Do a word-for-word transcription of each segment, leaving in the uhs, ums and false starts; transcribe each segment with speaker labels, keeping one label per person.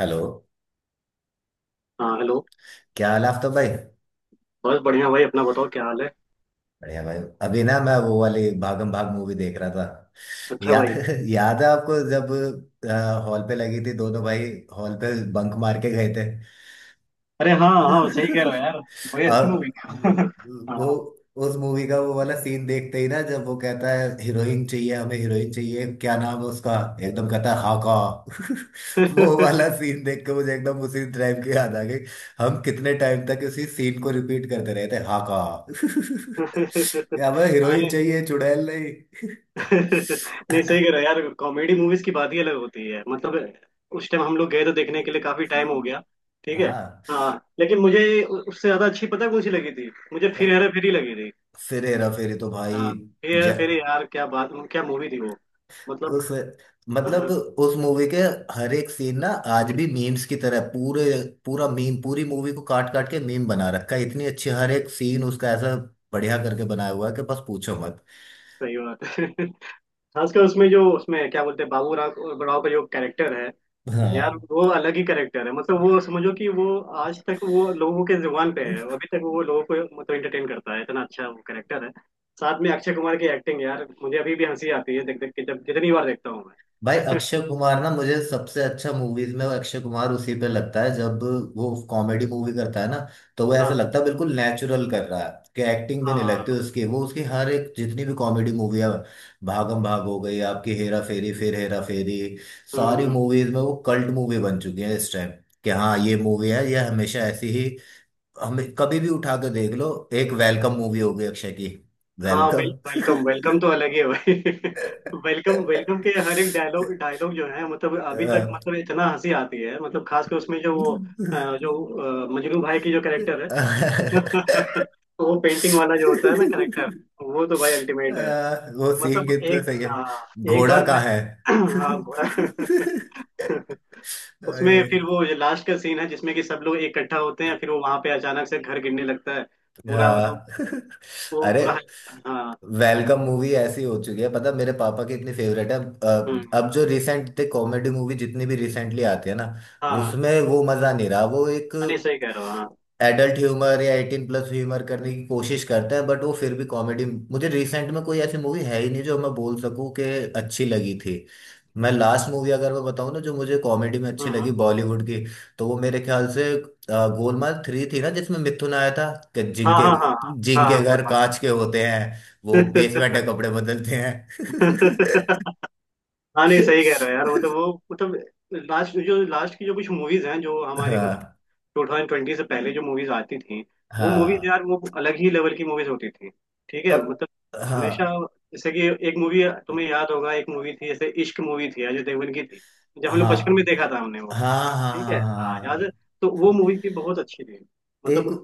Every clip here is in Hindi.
Speaker 1: हेलो।
Speaker 2: हाँ हेलो।
Speaker 1: क्या हाल है आफ्ताब भाई।
Speaker 2: बस बढ़िया भाई, अपना बताओ क्या हाल है।
Speaker 1: बढ़िया भाई। अभी ना मैं वो वाली भागम भाग मूवी देख रहा था।
Speaker 2: अच्छा
Speaker 1: या,
Speaker 2: भाई।
Speaker 1: याद है आपको जब हॉल पे लगी थी दोनों भाई हॉल पे बंक मार के गए
Speaker 2: अरे हाँ
Speaker 1: थे।
Speaker 2: हाँ, सही कह रहे हो यार। भाई अच्छी मूवी
Speaker 1: और
Speaker 2: हाँ।
Speaker 1: वो
Speaker 2: हाँ,
Speaker 1: उस मूवी का वो वाला सीन देखते ही ना, जब वो कहता है हीरोइन चाहिए, हमें हीरोइन चाहिए, क्या नाम है उसका, एकदम कहता है हाका। वो वाला सीन देख के मुझे एकदम उसी टाइम की याद आ गई। हम कितने टाइम तक उसी सीन को रिपीट करते रहे थे, हाका। क्या हमें हीरोइन
Speaker 2: नहीं
Speaker 1: चाहिए चुड़ैल नहीं।
Speaker 2: नहीं, सही कह रहे हो यार, कॉमेडी मूवीज की बात ही अलग होती है। मतलब उस टाइम हम लोग गए तो देखने के लिए काफी टाइम हो गया। ठीक है।
Speaker 1: हाँ,
Speaker 2: हाँ। लेकिन मुझे उ- उससे ज्यादा अच्छी पता है कौन सी लगी थी मुझे, फिर हेरा फेरी लगी थी।
Speaker 1: फिर हेरा फेरी तो भाई।
Speaker 2: हाँ। फिर हेरा फेरी
Speaker 1: जय
Speaker 2: यार, क्या बात, क्या मूवी थी वो। मतलब
Speaker 1: उस मतलब
Speaker 2: हाँ,
Speaker 1: उस मूवी के हर एक सीन ना आज भी मीम्स की तरह पूरे पूरा मीम, पूरी मूवी को काट काट के मीम बना रखा है। इतनी अच्छी हर एक सीन उसका ऐसा बढ़िया करके बनाया हुआ है कि बस पूछो मत।
Speaker 2: सही बात है। खासकर उसमें, जो उसमें क्या बोलते हैं, बाबू राव राव का जो कैरेक्टर है, यार
Speaker 1: हाँ,
Speaker 2: वो अलग ही कैरेक्टर है। मतलब वो समझो कि वो आज तक वो लोगों के जुबान पे है, अभी तक वो लोगों को मतलब एंटरटेन करता है, इतना अच्छा वो कैरेक्टर है। साथ में अक्षय कुमार की एक्टिंग, यार मुझे अभी भी हंसी आती है देख देख के, जब जितनी बार देखता हूँ मैं।
Speaker 1: भाई अक्षय कुमार ना मुझे सबसे अच्छा मूवीज में वो अक्षय कुमार उसी पे लगता है जब वो कॉमेडी मूवी करता है ना। तो वो ऐसा
Speaker 2: हाँ।
Speaker 1: लगता है बिल्कुल नेचुरल कर रहा है कि एक्टिंग भी नहीं लगती
Speaker 2: हाँ।
Speaker 1: उसकी। वो उसकी हर एक जितनी भी कॉमेडी मूवी है, भागम भाग हो गई आपकी, हेरा फेरी, फिर हेरा फेरी,
Speaker 2: हम्म
Speaker 1: सारी
Speaker 2: हम्म।
Speaker 1: मूवीज में वो कल्ट मूवी बन चुकी है इस टाइम, कि हाँ ये मूवी है, ये हमेशा ऐसी ही, हमें कभी भी उठा के देख लो। एक वेलकम मूवी हो गई अक्षय की।
Speaker 2: हाँ,
Speaker 1: वेलकम।
Speaker 2: वेलकम वेलकम तो अलग ही है भाई। वेलकम वेलकम के हर एक डायलॉग डायलॉग जो है, मतलब अभी तक, मतलब इतना हंसी आती है, मतलब खास कर उसमें जो वो
Speaker 1: आ,
Speaker 2: अ, जो अ, मजनू भाई की जो कैरेक्टर है। वो पेंटिंग वाला जो होता है ना कैरेक्टर, वो तो भाई अल्टीमेट है।
Speaker 1: वो सीन
Speaker 2: मतलब
Speaker 1: कितना
Speaker 2: एक,
Speaker 1: सही है।
Speaker 2: हाँ एक
Speaker 1: घोड़ा
Speaker 2: बार
Speaker 1: कहाँ
Speaker 2: मैं
Speaker 1: है।
Speaker 2: हाँ घोड़ा। उसमें फिर
Speaker 1: अरे,
Speaker 2: वो जो लास्ट का सीन है, जिसमें कि सब लोग इकट्ठा होते हैं, फिर वो वहां पे अचानक से घर गिरने लगता है, पूरा मतलब,
Speaker 1: हाँ।
Speaker 2: वो
Speaker 1: अरे
Speaker 2: पूरा हाँ।
Speaker 1: वेलकम मूवी ऐसी हो चुकी है, पता मेरे पापा की इतनी फेवरेट है। अब
Speaker 2: हम्म।
Speaker 1: अब जो रिसेंट कॉमेडी मूवी जितनी भी रिसेंटली आती है ना,
Speaker 2: हाँ।
Speaker 1: उसमें वो मजा नहीं रहा। वो एक
Speaker 2: हाँ, नहीं सही कह रहे हो। हाँ।
Speaker 1: एडल्ट ह्यूमर या एटीन प्लस ह्यूमर करने की कोशिश करता है, बट वो फिर भी कॉमेडी मुझे रिसेंट में कोई ऐसी मूवी है ही नहीं जो मैं बोल सकूं कि अच्छी लगी थी। मैं लास्ट मूवी अगर मैं बताऊं ना जो मुझे कॉमेडी में अच्छी लगी
Speaker 2: हाँ
Speaker 1: बॉलीवुड की, तो वो मेरे ख्याल से अ, गोलमाल थ्री थी ना, जिसमें मिथुन आया था कि
Speaker 2: हाँ
Speaker 1: जिनके
Speaker 2: हाँ। हाँ हाँ
Speaker 1: जिनके
Speaker 2: हाँ। गुड
Speaker 1: घर कांच के होते हैं वो
Speaker 2: मॉर्निंग।
Speaker 1: बेसमेंट के कपड़े बदलते हैं।
Speaker 2: हाँ, नहीं सही कह रहे हो यार, मतलब वो, मतलब लास्ट, जो लास्ट की जो कुछ मूवीज हैं जो हमारी, मतलब
Speaker 1: हाँ
Speaker 2: टू थाउजेंड ट्वेंटी से पहले जो मूवीज आती थी, वो मूवीज
Speaker 1: हाँ।
Speaker 2: यार वो अलग ही लेवल की मूवीज होती थी। ठीक है,
Speaker 1: अब
Speaker 2: मतलब हमेशा।
Speaker 1: हाँ
Speaker 2: जैसे कि एक मूवी तुम्हें याद होगा, एक मूवी थी जैसे इश्क मूवी थी, अजय देवगन की थी, जब हम लोग
Speaker 1: हाँ
Speaker 2: बचपन में देखा था हमने वो।
Speaker 1: हाँ हाँ
Speaker 2: ठीक
Speaker 1: हाँ
Speaker 2: है,
Speaker 1: हाँ। हाँ,
Speaker 2: हाँ याद है?
Speaker 1: हाँ।
Speaker 2: तो वो मूवी थी बहुत अच्छी थी,
Speaker 1: एक
Speaker 2: मतलब।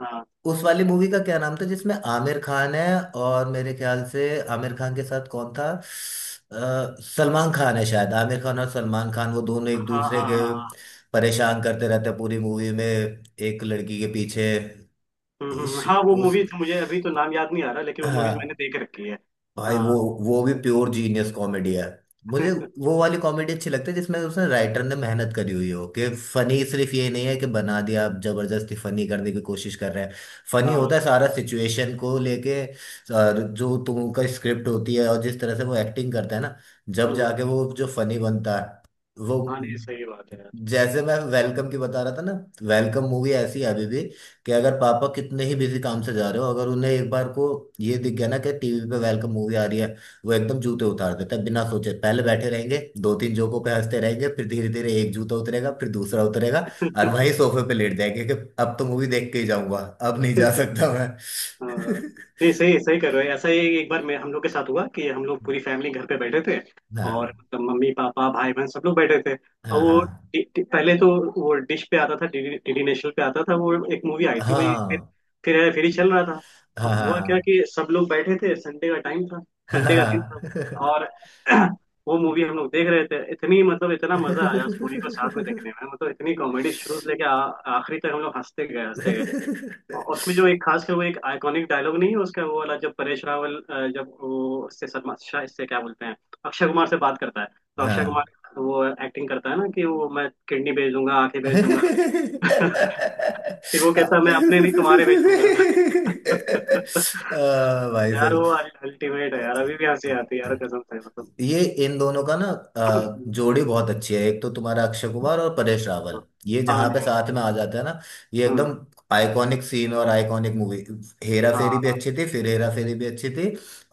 Speaker 2: हाँ
Speaker 1: उस वाली मूवी का क्या नाम था जिसमें आमिर खान है, और मेरे ख्याल से आमिर खान के साथ कौन था, अ, सलमान खान है शायद। आमिर खान और सलमान खान वो दोनों एक
Speaker 2: हाँ
Speaker 1: दूसरे
Speaker 2: हाँ हाँ।
Speaker 1: के
Speaker 2: हाँ।
Speaker 1: परेशान करते रहते हैं पूरी मूवी में एक लड़की के पीछे।
Speaker 2: हम्म, हम्म, हाँ
Speaker 1: इस,
Speaker 2: वो
Speaker 1: उस
Speaker 2: मूवीज मुझे अभी तो नाम याद नहीं आ रहा, लेकिन वो मूवीज मैंने
Speaker 1: हाँ
Speaker 2: देख रखी है।
Speaker 1: भाई
Speaker 2: हाँ।
Speaker 1: वो वो भी प्योर जीनियस कॉमेडी है। मुझे वो वाली कॉमेडी अच्छी लगती है जिसमें उसने राइटर ने मेहनत करी हुई हो, कि फनी सिर्फ ये नहीं है कि बना दिया आप जबरदस्ती फनी करने की कोशिश कर रहे हैं। फनी
Speaker 2: हाँ।
Speaker 1: होता है सारा सिचुएशन को लेके और जो तुमका स्क्रिप्ट होती है, और जिस तरह से वो एक्टिंग करता है ना, जब
Speaker 2: हम्म,
Speaker 1: जाके वो जो फनी बनता है वो।
Speaker 2: हाँ नहीं सही बात है।
Speaker 1: जैसे मैं वेलकम की बता रहा था ना, वेलकम मूवी ऐसी है अभी भी कि अगर पापा कितने ही बिजी काम से जा रहे हो, अगर उन्हें एक बार को ये दिख गया ना कि टीवी पे वेलकम मूवी आ रही है, वो एकदम जूते उतार देते हैं बिना सोचे, पहले बैठे रहेंगे, दो तीन जोकों पे हंसते रहेंगे, फिर धीरे धीरे एक जूता उतरेगा फिर दूसरा उतरेगा, और
Speaker 2: यार
Speaker 1: वहीं सोफे पे लेट जाएंगे कि अब तो मूवी देख के ही जाऊंगा, अब नहीं जा सकता मैं।
Speaker 2: हाँ, नहीं सही सही कर रहे हो। ऐसा ही एक बार मैं, हम लोग के साथ हुआ कि हम लोग पूरी फैमिली घर पे बैठे थे, और
Speaker 1: हाँ
Speaker 2: मतलब मम्मी पापा भाई बहन सब लोग बैठे थे। और वो
Speaker 1: हाँ
Speaker 2: डि- डि- पहले तो वो डिश पे आता था, डीडी डीडी नेशनल पे आता था, वो एक मूवी आई थी
Speaker 1: हाँ
Speaker 2: वही। फिर
Speaker 1: हाँ
Speaker 2: फिर है- फिर ही चल रहा था।
Speaker 1: हाँ
Speaker 2: अब हुआ क्या
Speaker 1: हाँ
Speaker 2: कि सब लोग बैठे थे, संडे का टाइम था, संडे का दिन था।
Speaker 1: हाँ
Speaker 2: और वो मूवी हम लोग देख रहे थे, इतनी मतलब इतना मजा आया उस मूवी को साथ में
Speaker 1: हाँ।
Speaker 2: देखने में, मतलब इतनी कॉमेडी, शुरू से लेके आ- आखिरी तक हम लोग हंसते गए हंसते गए। उसमें जो एक खास कर वो एक आइकॉनिक डायलॉग नहीं है उसका, वो वाला जब परेश रावल अ, जब वो इससे सलमान शाह इससे क्या बोलते हैं, अक्षय कुमार से बात करता है, तो अक्षय
Speaker 1: हाँ।
Speaker 2: कुमार वो एक्टिंग करता है ना कि वो, मैं किडनी बेच दूंगा, आंखें बेच दूंगा,
Speaker 1: आ,
Speaker 2: कि वो कहता है मैं अपने नहीं तुम्हारे बेचूंगा।
Speaker 1: भाई
Speaker 2: यार
Speaker 1: साहब,
Speaker 2: वो अल्टीमेट है यार, अभी भी हंसी आती है यार, कसम से मतलब।
Speaker 1: ये इन दोनों का ना अ, जोड़ी बहुत अच्छी है। एक तो तुम्हारा अक्षय कुमार और परेश रावल, ये
Speaker 2: हाँ
Speaker 1: जहाँ पे
Speaker 2: नहीं।
Speaker 1: साथ में आ जाते हैं ना, ये
Speaker 2: हम्म।
Speaker 1: एकदम आइकॉनिक सीन और आइकॉनिक मूवी। हेरा फेरी भी
Speaker 2: हाँ
Speaker 1: अच्छी थी, फिर हेरा फेरी भी अच्छी थी,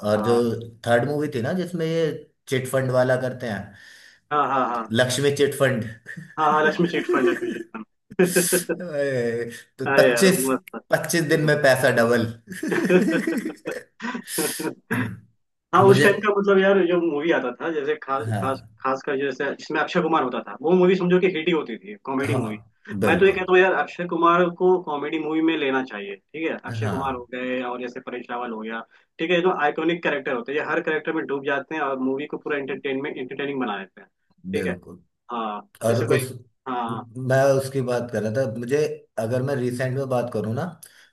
Speaker 1: और जो
Speaker 2: हाँ
Speaker 1: थर्ड मूवी थी ना जिसमें ये चिटफंड वाला करते हैं,
Speaker 2: हाँ। हाँ हाँ
Speaker 1: लक्ष्मी चिटफंड।
Speaker 2: हाँ। हाँ लक्ष्मी चिट फंड, लक्ष्मी
Speaker 1: अरे,
Speaker 2: चिट फंड।
Speaker 1: तो
Speaker 2: अरे यार
Speaker 1: पच्चीस
Speaker 2: मस्त
Speaker 1: पच्चीस दिन
Speaker 2: था।
Speaker 1: में पैसा डबल।
Speaker 2: हाँ उस
Speaker 1: मुझे
Speaker 2: टाइम का, मतलब यार जो मूवी आता था, जैसे खास खास
Speaker 1: हाँ
Speaker 2: खास कर, जैसे जिसमें अक्षय कुमार होता था, वो मूवी समझो कि हिट ही होती थी, कॉमेडी मूवी।
Speaker 1: हाँ
Speaker 2: मैं तो ये
Speaker 1: बिल्कुल।
Speaker 2: कहता हूँ यार, अक्षय कुमार को कॉमेडी मूवी में लेना चाहिए, ठीक है। अक्षय कुमार हो
Speaker 1: हाँ
Speaker 2: गए और जैसे परेश रावल हो गया, ठीक है, ये तो आइकॉनिक कैरेक्टर होते हैं। ये हर कैरेक्टर में डूब जाते हैं और मूवी को पूरा एंटरटेनमेंट एंटरटेनिंग बना देते हैं। ठीक है।
Speaker 1: बिल्कुल।
Speaker 2: हाँ,
Speaker 1: और
Speaker 2: जैसे कोई।
Speaker 1: उस
Speaker 2: हाँ।
Speaker 1: मैं उसकी बात कर रहा था। मुझे अगर मैं रिसेंट में बात करूँ ना,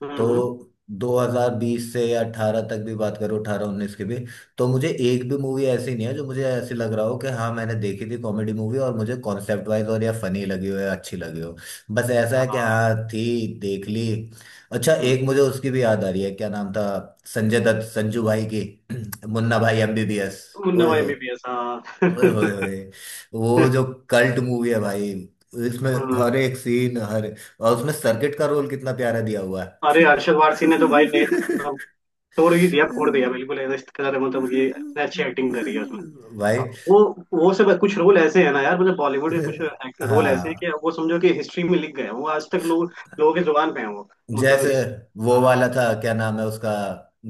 Speaker 2: हम्म हम्म,
Speaker 1: तो दो हज़ार बीस से या अठारह तक भी बात करूँ, अठारह उन्नीस की भी, तो मुझे एक भी मूवी ऐसी नहीं है जो मुझे ऐसी लग रहा हो कि हाँ मैंने देखी थी कॉमेडी मूवी और मुझे कॉन्सेप्ट वाइज और या फनी लगी हो या अच्छी लगी हो। बस ऐसा है कि
Speaker 2: हाँ।
Speaker 1: हाँ थी देख ली। अच्छा,
Speaker 2: हम्म,
Speaker 1: एक मुझे उसकी भी याद आ रही है क्या नाम था, संजय दत्त, संजू भाई की मुन्ना भाई एमबीबीएस।
Speaker 2: मुन्ना
Speaker 1: ओए
Speaker 2: भाई
Speaker 1: होए,
Speaker 2: एमबीबीएस हाँ।
Speaker 1: ओए होए होए। वो जो कल्ट मूवी है भाई, इसमें
Speaker 2: हम्म।
Speaker 1: हर एक सीन, हर और उसमें सर्किट का रोल कितना प्यारा दिया हुआ
Speaker 2: अरे
Speaker 1: है।
Speaker 2: अरशद वारसी ने तो भाई, ने मतलब तोड़ ही दिया, फोड़ दिया बिल्कुल, ऐसा इसके साथ। मतलब ये इसने अच्छी एक्टिंग करी है उसमें।
Speaker 1: भाई,
Speaker 2: वो वो सब कुछ रोल ऐसे है ना यार, मतलब बॉलीवुड के कुछ रोल ऐसे हैं
Speaker 1: हाँ
Speaker 2: कि वो समझो कि हिस्ट्री में लिख गए हैं। वो आज तक लोग, लोगों के जुबान पे है वो, मतलब
Speaker 1: जैसे,
Speaker 2: इस।
Speaker 1: वो
Speaker 2: हाँ।
Speaker 1: वाला था क्या नाम है उसका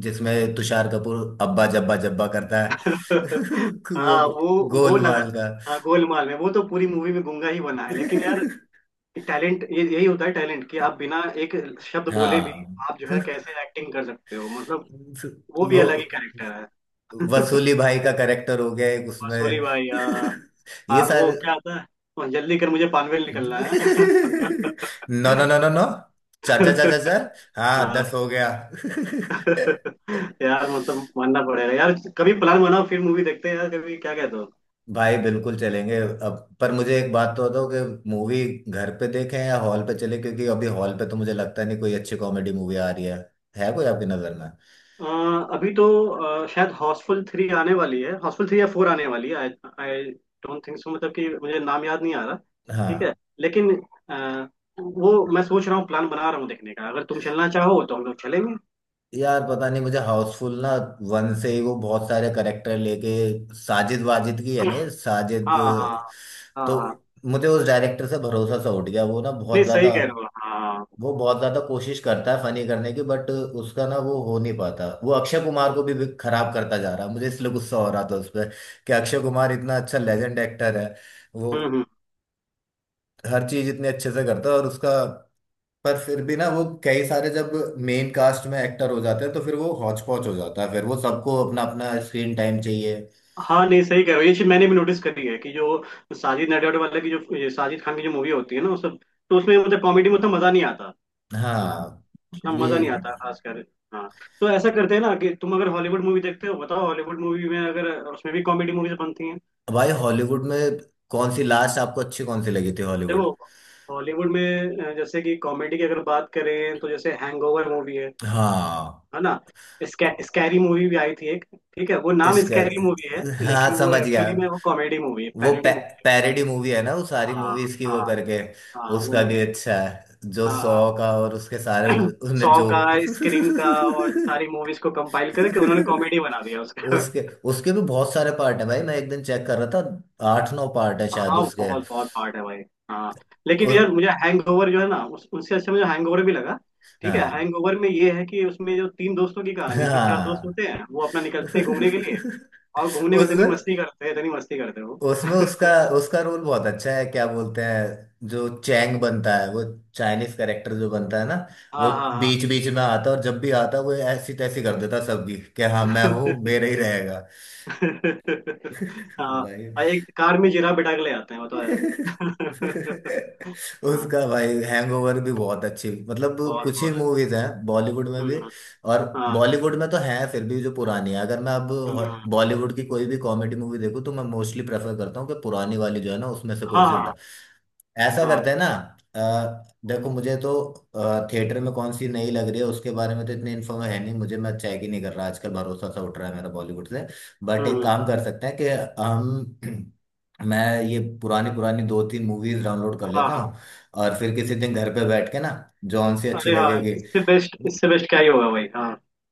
Speaker 1: जिसमें तुषार कपूर अब्बा जब्बा जब्बा करता है। वो
Speaker 2: हाँ वो, वो लगा।
Speaker 1: गोलमाल का।
Speaker 2: हाँ गोलमाल में वो तो पूरी मूवी में गूंगा ही बना है, लेकिन यार टैलेंट ये यही होता है टैलेंट, कि आप बिना एक शब्द बोले भी
Speaker 1: हाँ,
Speaker 2: आप जो है कैसे एक्टिंग कर सकते हो, मतलब। वो भी
Speaker 1: वो
Speaker 2: अलग ही कैरेक्टर है।
Speaker 1: वसूली भाई का करेक्टर हो गया एक
Speaker 2: मसूली
Speaker 1: उसमें।
Speaker 2: भाई, आ,
Speaker 1: ये
Speaker 2: आ, वो
Speaker 1: सारे।
Speaker 2: क्या आता है, वो जल्दी कर मुझे पानवेल निकलना है।
Speaker 1: No no no no no. चार चार चार चार चार। हाँ दस
Speaker 2: हाँ
Speaker 1: हो गया।
Speaker 2: यार, मतलब मानना पड़ेगा यार। कभी प्लान बनाओ फिर मूवी देखते हैं यार, कभी, क्या कहते हो?
Speaker 1: भाई बिल्कुल चलेंगे। अब पर मुझे एक बात तो बताओ कि मूवी घर पे देखें या हॉल पे चले, क्योंकि अभी हॉल पे तो मुझे लगता नहीं कोई अच्छी कॉमेडी मूवी आ रही है। है कोई आपकी नजर में।
Speaker 2: अ, अभी तो, अ, शायद हाउसफुल थ्री आने वाली है, हाउसफुल थ्री या फोर आने वाली है। आई डोंट थिंक सो, मतलब कि मुझे नाम याद नहीं आ रहा, ठीक है।
Speaker 1: हाँ,
Speaker 2: लेकिन अ, वो, मैं सोच रहा हूँ, प्लान बना रहा हूँ देखने का, अगर तुम चलना चाहो तो हम लोग चलेंगे।
Speaker 1: यार पता नहीं मुझे हाउसफुल ना वन से ही वो बहुत सारे करेक्टर लेके, साजिद वाजिद की है ना, ये, साजिद,
Speaker 2: हाँ हाँ हाँ।
Speaker 1: तो
Speaker 2: हाँ
Speaker 1: मुझे उस डायरेक्टर से भरोसा सा उठ गया। वो ना
Speaker 2: नहीं
Speaker 1: बहुत
Speaker 2: सही
Speaker 1: ज्यादा,
Speaker 2: कह रहे हो, हाँ हाँ।
Speaker 1: वो बहुत ज्यादा कोशिश करता है फनी करने की, बट उसका ना वो हो नहीं पाता। वो अक्षय कुमार को भी भी खराब करता जा रहा है। मुझे इसलिए गुस्सा हो रहा था उस पर, कि अक्षय कुमार इतना अच्छा लेजेंड एक्टर है, वो
Speaker 2: हम्म हम्म।
Speaker 1: हर चीज इतने अच्छे से करता है, और उसका, पर फिर भी ना वो कई सारे जब मेन कास्ट में एक्टर हो जाते हैं तो फिर वो हौच पौच हो जाता है, फिर वो सबको अपना अपना स्क्रीन टाइम चाहिए।
Speaker 2: हाँ नहीं सही कह रहे हो, ये चीज मैंने भी नोटिस करी है कि जो साजिद नडियाड वाले की जो, ये साजिद खान की जो मूवी होती है ना, उसमें तो उसमें मतलब कॉमेडी में उतना मजा नहीं आता। हाँ
Speaker 1: हाँ
Speaker 2: उतना
Speaker 1: तो ये
Speaker 2: मजा नहीं आता, खासकर। हाँ तो ऐसा करते हैं ना कि तुम अगर हॉलीवुड मूवी देखते हो, बताओ हॉलीवुड मूवी में, अगर उसमें भी कॉमेडी मूवीज बनती हैं।
Speaker 1: भाई हॉलीवुड में कौन सी लास्ट आपको अच्छी, कौन सी लगी थी हॉलीवुड।
Speaker 2: देखो हॉलीवुड में अ, जैसे कि कॉमेडी की अगर बात करें, तो जैसे हैंगओवर मूवी है
Speaker 1: हाँ
Speaker 2: है ना। स्कै, स्कैरी मूवी भी आई थी एक, ठीक है, वो नाम
Speaker 1: इसका,
Speaker 2: स्कैरी मूवी है
Speaker 1: हाँ
Speaker 2: लेकिन वो
Speaker 1: समझ गया।
Speaker 2: एक्चुअली में वो कॉमेडी मूवी है,
Speaker 1: वो पै,
Speaker 2: पैरोडी मूवी है।
Speaker 1: पैरेडी मूवी है ना, वो सारी
Speaker 2: हाँ
Speaker 1: मूवीज की वो
Speaker 2: हाँ।
Speaker 1: करके,
Speaker 2: हाँ वो
Speaker 1: उसका भी
Speaker 2: मूवी।
Speaker 1: अच्छा है जो सौ
Speaker 2: हाँ
Speaker 1: का, और उसके सारे उसने
Speaker 2: सॉ का,
Speaker 1: जोक।
Speaker 2: स्क्रीम का और सारी मूवीज को कंपाइल करके उन्होंने कॉमेडी बना दिया उसका।
Speaker 1: उसके, उसके भी बहुत सारे पार्ट है भाई। मैं एक दिन चेक कर रहा था, आठ नौ पार्ट है शायद
Speaker 2: हाँ
Speaker 1: उसके।
Speaker 2: बहुत बहुत पार्ट है भाई। हाँ
Speaker 1: उ,
Speaker 2: लेकिन यार मुझे हैंगओवर जो है ना उस, उससे अच्छा मुझे हैंगओवर भी लगा। ठीक है,
Speaker 1: हाँ
Speaker 2: हैंगओवर में ये है कि उसमें जो तीन दोस्तों की कहानी, तीन चार दोस्त
Speaker 1: हाँ।
Speaker 2: होते हैं, वो अपना निकलते हैं घूमने के लिए, और घूमने में इतनी
Speaker 1: उसमें,
Speaker 2: मस्ती करते हैं, इतनी मस्ती करते हैं वो।
Speaker 1: उसमें उसका, उसका रोल बहुत अच्छा है, क्या बोलते हैं, जो चैंग बनता है वो, चाइनीज कैरेक्टर जो बनता है ना,
Speaker 2: हाँ
Speaker 1: वो
Speaker 2: हाँ
Speaker 1: बीच बीच में आता है और जब भी आता है वो ऐसी तैसी कर देता है सबकी कि हाँ मैं हूँ मेरे ही रहेगा।
Speaker 2: हाँ। हाँ,
Speaker 1: भाई,
Speaker 2: और एक कार में जिराफ बिठा के ले आते हैं, वो तो है। हाँ
Speaker 1: उसका भाई हैंगओवर भी बहुत अच्छी, मतलब
Speaker 2: बहुत
Speaker 1: कुछ ही
Speaker 2: बहुत अच्छा।
Speaker 1: मूवीज हैं बॉलीवुड में भी,
Speaker 2: हम्म,
Speaker 1: और
Speaker 2: हाँ।
Speaker 1: बॉलीवुड में तो है फिर भी जो पुरानी है। अगर मैं अब हॉ-
Speaker 2: हम्म।
Speaker 1: बॉलीवुड की कोई भी कॉमेडी मूवी देखूँ तो मैं मोस्टली प्रेफर करता हूँ कि पुरानी वाली जो है ना उसमें से कोई सी उठा,
Speaker 2: हाँ,
Speaker 1: ऐसा
Speaker 2: हाँ,
Speaker 1: करते हैं ना। अ, देखो मुझे तो थिएटर में कौन सी नई लग रही है उसके बारे में तो इतनी इन्फॉर्म है नहीं मुझे, मैं चेक ही नहीं कर रहा आजकल, भरोसा सा उठ रहा है मेरा बॉलीवुड से। बट एक
Speaker 2: हुँ,
Speaker 1: काम कर सकते हैं कि हम मैं ये पुरानी पुरानी दो तीन मूवीज डाउनलोड कर
Speaker 2: हाँ,
Speaker 1: लेता
Speaker 2: हाँ।
Speaker 1: हूँ, और फिर किसी दिन घर पे बैठ के ना जॉन सी अच्छी
Speaker 2: अरे हाँ,
Speaker 1: लगेगी,
Speaker 2: इससे बेस्ट, इससे बेस्ट क्या ही होगा भाई। हाँ।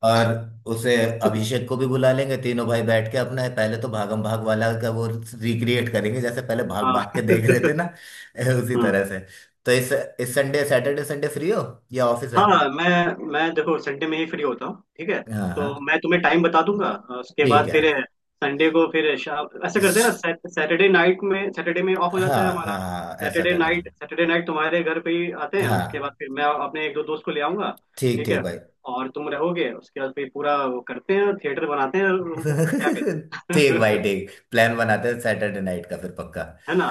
Speaker 1: और उसे अभिषेक को भी बुला लेंगे, तीनों भाई बैठ के अपना पहले तो भागम भाग वाला का वो रिक्रिएट करेंगे, जैसे पहले भाग
Speaker 2: हाँ।
Speaker 1: भाग के देख रहे थे ना। उसी
Speaker 2: हम्म,
Speaker 1: तरह से। तो इस इस संडे, सैटरडे संडे फ्री हो या ऑफिस है।
Speaker 2: हाँ मैं मैं देखो, संडे में ही फ्री होता हूँ, ठीक है।
Speaker 1: हाँ
Speaker 2: तो
Speaker 1: हाँ
Speaker 2: मैं तुम्हें टाइम बता दूंगा, अ, उसके
Speaker 1: ठीक
Speaker 2: बाद
Speaker 1: है।
Speaker 2: फिर संडे को फिर शाम, ऐसे करते हैं ना,
Speaker 1: श-
Speaker 2: सैटरडे नाइट में, सैटरडे में ऑफ हो जाता
Speaker 1: हाँ
Speaker 2: है हमारा।
Speaker 1: हाँ हाँ, ऐसा
Speaker 2: सैटरडे
Speaker 1: कर लेते
Speaker 2: नाइट,
Speaker 1: हैं।
Speaker 2: सैटरडे नाइट तुम्हारे घर पे ही आते हैं, उसके बाद
Speaker 1: हाँ
Speaker 2: फिर मैं अपने एक दो दोस्त को ले आऊंगा।
Speaker 1: ठीक
Speaker 2: ठीक
Speaker 1: ठीक
Speaker 2: है,
Speaker 1: भाई।
Speaker 2: और तुम रहोगे, उसके बाद फिर पूरा वो करते हैं, थिएटर बनाते हैं रूम पे, क्या कहते
Speaker 1: ठीक भाई
Speaker 2: हैं।
Speaker 1: ठीक, प्लान बनाते हैं सैटरडे नाइट का फिर पक्का।
Speaker 2: है ना।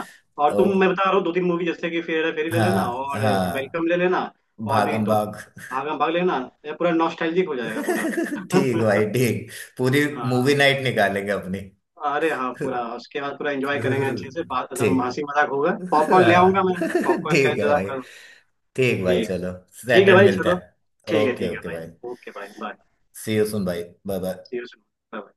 Speaker 2: और
Speaker 1: ओ
Speaker 2: तुम, मैं बता रहा हूँ दो तीन मूवी, जैसे कि फेर फेरी ले लेना
Speaker 1: हाँ
Speaker 2: और
Speaker 1: हाँ,
Speaker 2: वेलकम ले लेना, और भी
Speaker 1: भागम
Speaker 2: तो
Speaker 1: भाग।
Speaker 2: भागम भाग लेना। ये पूरा नॉस्टैल्जिक हो जाएगा पूरा।
Speaker 1: ठीक भाई ठीक, पूरी
Speaker 2: हाँ।
Speaker 1: मूवी नाइट निकालेंगे अपनी।
Speaker 2: अरे हाँ पूरा, उसके बाद पूरा एंजॉय करेंगे अच्छे से, बात एकदम
Speaker 1: ठीक।
Speaker 2: हंसी मजाक होगा, पॉपकॉर्न ले आऊंगा मैं।
Speaker 1: हाँ
Speaker 2: पॉपकॉर्न का
Speaker 1: ठीक है
Speaker 2: इंतजाम
Speaker 1: भाई।
Speaker 2: करूंगा।
Speaker 1: ठीक भाई
Speaker 2: ठीक है,
Speaker 1: चलो,
Speaker 2: ठीक है
Speaker 1: सैटरडे
Speaker 2: भाई
Speaker 1: मिलता
Speaker 2: चलो।
Speaker 1: है।
Speaker 2: ठीक है
Speaker 1: ओके
Speaker 2: ठीक है
Speaker 1: ओके भाई,
Speaker 2: भाई, ओके भाई बाय।
Speaker 1: सी यू सुन भाई, bye bye.
Speaker 2: See you soon. Bye.